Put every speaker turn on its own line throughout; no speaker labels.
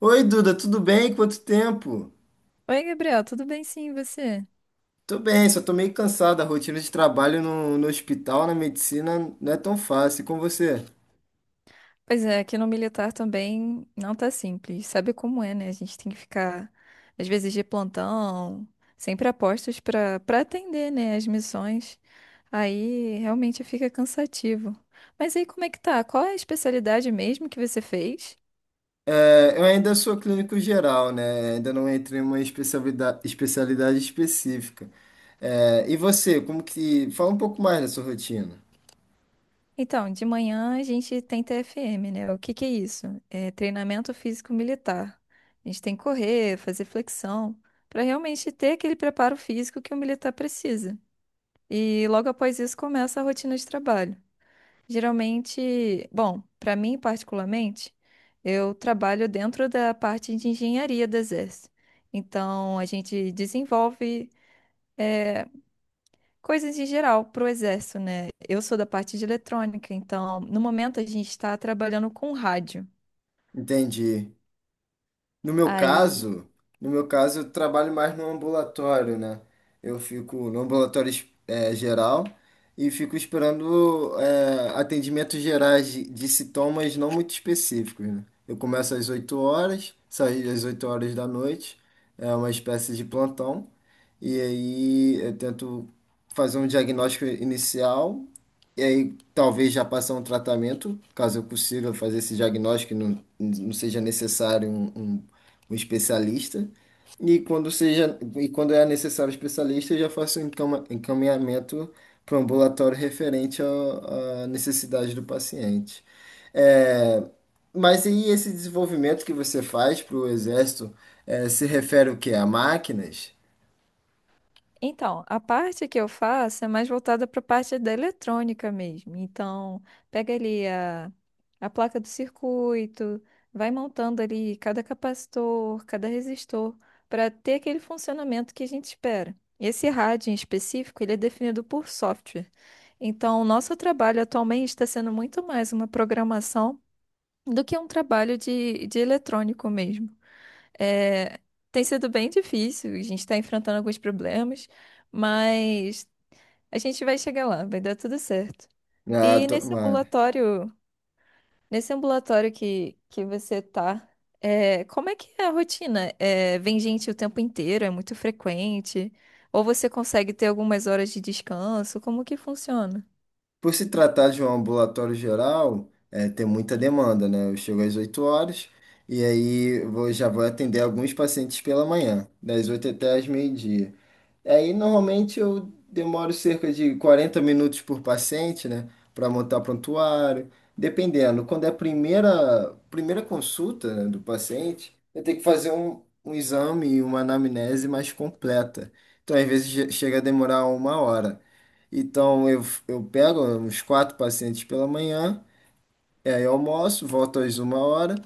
Oi, Duda, tudo bem? Quanto tempo?
Oi, Gabriel, tudo bem sim, e você?
Tô bem, só tô meio cansado. A rotina de trabalho no hospital, na medicina, não é tão fácil. E com você?
Pois é, aqui no militar também não tá simples. Sabe como é, né? A gente tem que ficar, às vezes, de plantão, sempre a postos pra para atender, né, as missões. Aí realmente fica cansativo. Mas aí como é que tá? Qual é a especialidade mesmo que você fez?
É, eu ainda sou clínico geral, né? Ainda não entrei em uma especialidade, especialidade específica. É, e você, como que... Fala um pouco mais da sua rotina.
Então, de manhã a gente tem TFM, né? O que que é isso? É treinamento físico militar. A gente tem que correr, fazer flexão, pra realmente ter aquele preparo físico que o militar precisa. E logo após isso começa a rotina de trabalho. Geralmente, bom, para mim particularmente, eu trabalho dentro da parte de engenharia do Exército. Então, a gente desenvolve eh, coisas em geral para o Exército, né? Eu sou da parte de eletrônica, então, no momento, a gente está trabalhando com rádio.
Entendi. No meu
Aí.
caso, no meu caso, eu trabalho mais no ambulatório, né? Eu fico no ambulatório geral e fico esperando atendimentos gerais de sintomas não muito específicos, né? Eu começo às 8h, saio às 20h, é uma espécie de plantão, e aí eu tento fazer um diagnóstico inicial, e aí talvez já passar um tratamento, caso eu consiga fazer esse diagnóstico e não seja necessário um especialista. E quando é necessário o especialista, eu já faço um encaminhamento para o ambulatório referente à necessidade do paciente. É, mas e esse desenvolvimento que você faz para o exército, é, se refere o quê? A máquinas?
Então, a parte que eu faço é mais voltada para a parte da eletrônica mesmo. Então, pega ali a placa do circuito, vai montando ali cada capacitor, cada resistor, para ter aquele funcionamento que a gente espera. Esse rádio em específico, ele é definido por software. Então, o nosso trabalho atualmente está sendo muito mais uma programação do que um trabalho de eletrônico mesmo. É, tem sido bem difícil, a gente está enfrentando alguns problemas, mas a gente vai chegar lá, vai dar tudo certo.
Ah,
E nesse
tomara.
ambulatório, que você tá, é, como é que é a rotina? É, vem gente o tempo inteiro, é muito frequente? Ou você consegue ter algumas horas de descanso? Como que funciona?
Por se tratar de um ambulatório geral, é, tem muita demanda, né? Eu chego às 8h e aí vou, já vou atender alguns pacientes pela manhã, das 8 até às meio-dia. Aí normalmente eu demoro cerca de 40 minutos por paciente, né? Para montar prontuário, dependendo. Quando é a primeira consulta, né, do paciente, eu tenho que fazer um, um exame e uma anamnese mais completa. Então, às vezes, chega a demorar 1 hora. Então eu pego uns quatro pacientes pela manhã, e aí eu almoço, volto às 1h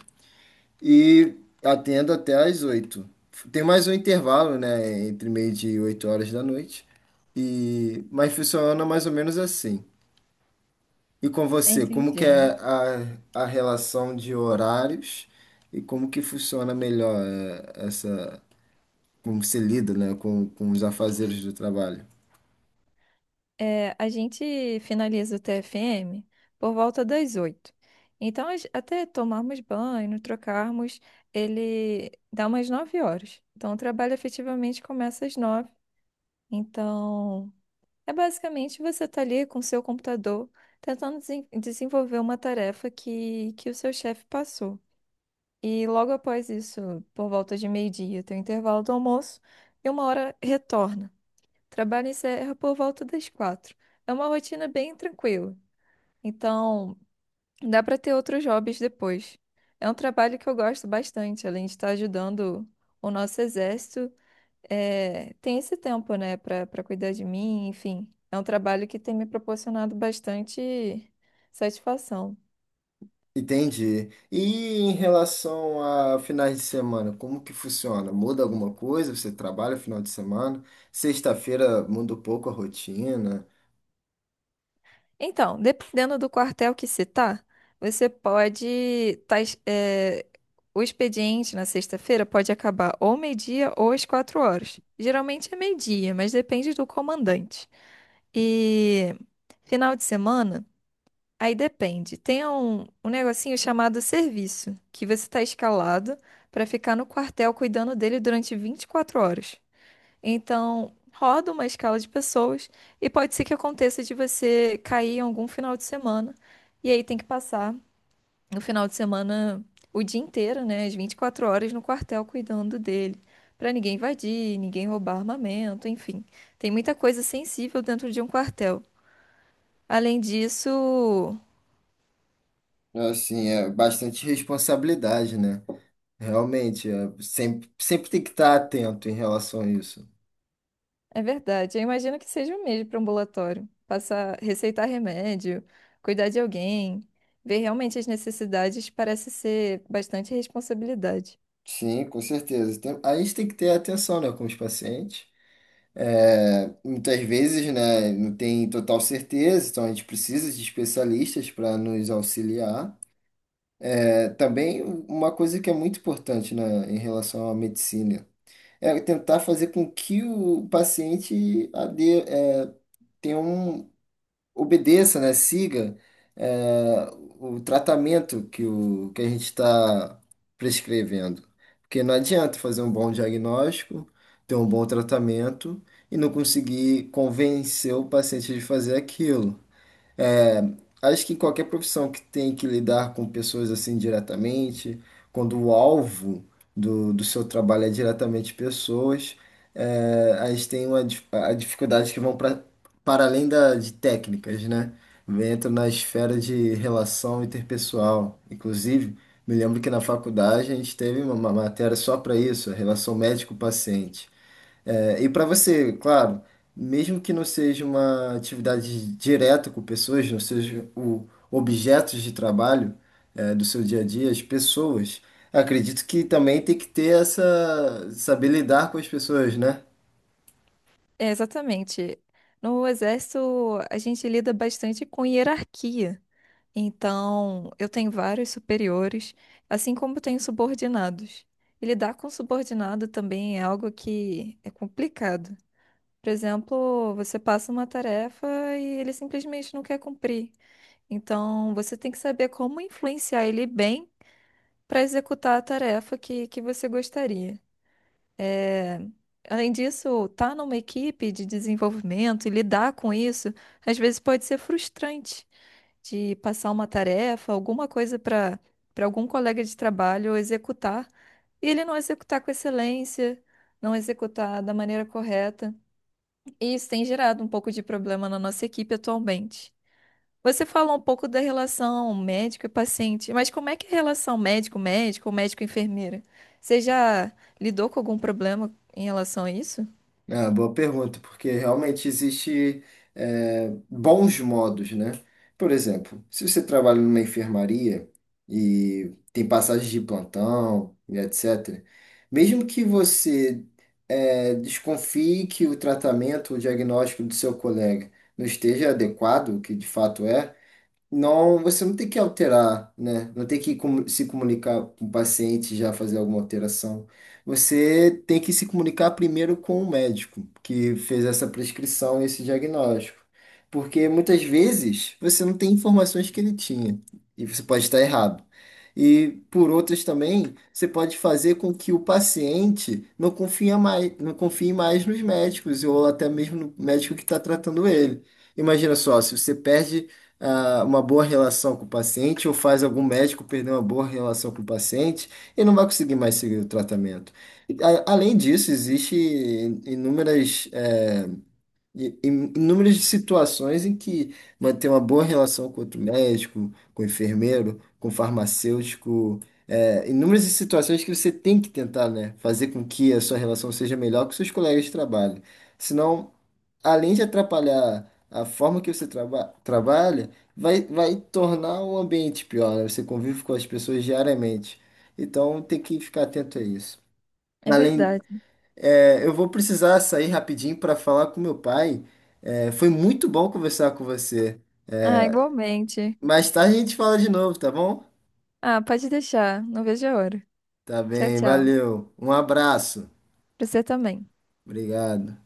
e atendo até às oito. Tem mais um intervalo, né, entre meio-dia e 20h. E mas funciona mais ou menos assim. E com você, como que é
Entendi.
a relação de horários e como que funciona melhor essa, como você lida, né, com os afazeres do trabalho?
É, a gente finaliza o TFM por volta das oito. Então, até tomarmos banho, trocarmos, ele dá umas nove horas. Então, o trabalho efetivamente começa às nove. Então, é basicamente você tá ali com o seu computador tentando desenvolver uma tarefa que o seu chefe passou. E logo após isso, por volta de meio-dia, tem o intervalo do almoço e uma hora retorna. Trabalho encerra por volta das quatro. É uma rotina bem tranquila, então dá para ter outros hobbies depois. É um trabalho que eu gosto bastante, além de estar ajudando o nosso exército, é, tem esse tempo, né, para cuidar de mim, enfim. É um trabalho que tem me proporcionado bastante satisfação.
Entendi. E em relação a finais de semana, como que funciona? Muda alguma coisa? Você trabalha final de semana? Sexta-feira muda um pouco a rotina.
Então, dependendo do quartel que se tá, você pode. O expediente na sexta-feira pode acabar ou meio-dia ou às quatro horas. Geralmente é meio-dia, mas depende do comandante. E final de semana, aí depende. Tem um negocinho chamado serviço, que você está escalado para ficar no quartel cuidando dele durante 24 horas. Então, roda uma escala de pessoas e pode ser que aconteça de você cair em algum final de semana. E aí tem que passar no final de semana o dia inteiro, né? As 24 horas no quartel cuidando dele. Pra ninguém invadir, ninguém roubar armamento, enfim. Tem muita coisa sensível dentro de um quartel. Além disso.
Assim, é bastante responsabilidade, né? Realmente, é, sempre tem que estar atento em relação a isso.
É verdade. Eu imagino que seja o mesmo para um ambulatório. Passar, receitar remédio, cuidar de alguém, ver realmente as necessidades parece ser bastante responsabilidade.
Sim, com certeza. Tem- a gente tem que ter atenção, né, com os pacientes. É, muitas vezes, né, não tem total certeza, então a gente precisa de especialistas para nos auxiliar. É, também uma coisa que é muito importante na, em relação à medicina é tentar fazer com que o paciente é, tenha um, obedeça, né, siga é, o tratamento que a gente está prescrevendo. Porque não adianta fazer um bom diagnóstico, ter um bom tratamento e não conseguir convencer o paciente de fazer aquilo. É, acho que em qualquer profissão que tem que lidar com pessoas assim diretamente, quando o alvo do seu trabalho é diretamente pessoas, é, a gente tem uma, a dificuldade que vão para além da, de técnicas, né? Entra na esfera de relação interpessoal. Inclusive, me lembro que na faculdade a gente teve uma matéria só para isso, a relação médico-paciente. É, e para você, claro, mesmo que não seja uma atividade direta com pessoas, não seja o objetos de trabalho, é, do seu dia a dia, as pessoas, acredito que também tem que ter essa, saber lidar com as pessoas, né?
É, exatamente. No exército, a gente lida bastante com hierarquia. Então, eu tenho vários superiores, assim como tenho subordinados. E lidar com subordinado também é algo que é complicado. Por exemplo, você passa uma tarefa e ele simplesmente não quer cumprir. Então, você tem que saber como influenciar ele bem para executar a tarefa que você gostaria. É, além disso, estar numa equipe de desenvolvimento e lidar com isso, às vezes pode ser frustrante de passar uma tarefa, alguma coisa para algum colega de trabalho executar e ele não executar com excelência, não executar da maneira correta. E isso tem gerado um pouco de problema na nossa equipe atualmente. Você falou um pouco da relação médico e paciente, mas como é que é a relação médico-médico ou médico-enfermeira? Você já lidou com algum problema em relação a isso?
Ah, boa pergunta, porque realmente existe bons modos, né? Por exemplo, se você trabalha numa enfermaria e tem passagens de plantão e etc., mesmo que você desconfie que o tratamento, o diagnóstico do seu colega não esteja adequado, o que de fato é, não, você não tem que alterar, né? Não tem que se comunicar com o paciente já fazer alguma alteração. Você tem que se comunicar primeiro com o médico que fez essa prescrição, esse diagnóstico. Porque muitas vezes você não tem informações que ele tinha e você pode estar errado. E por outras também, você pode fazer com que o paciente não confia mais, não confie mais nos médicos ou até mesmo no médico que está tratando ele. Imagina só, se você perde uma boa relação com o paciente ou faz algum médico perder uma boa relação com o paciente e não vai conseguir mais seguir o tratamento. E, além disso, existe inúmeras, eh, i- in- inúmeras situações em que manter uma boa relação com outro médico, com o enfermeiro, com o farmacêutico, inúmeras situações que você tem que tentar, né, fazer com que a sua relação seja melhor com seus colegas de trabalho. Senão, além de atrapalhar a forma que você trabalha, vai tornar o ambiente pior, né? Você convive com as pessoas diariamente. Então, tem que ficar atento a isso.
É
Além,
verdade.
é, eu vou precisar sair rapidinho para falar com meu pai. É, foi muito bom conversar com você.
Ah, igualmente.
Mais tarde a gente fala de novo, tá bom?
Ah, pode deixar. Não vejo a hora.
Tá
Tchau,
bem,
tchau.
valeu. Um abraço.
Pra você também.
Obrigado.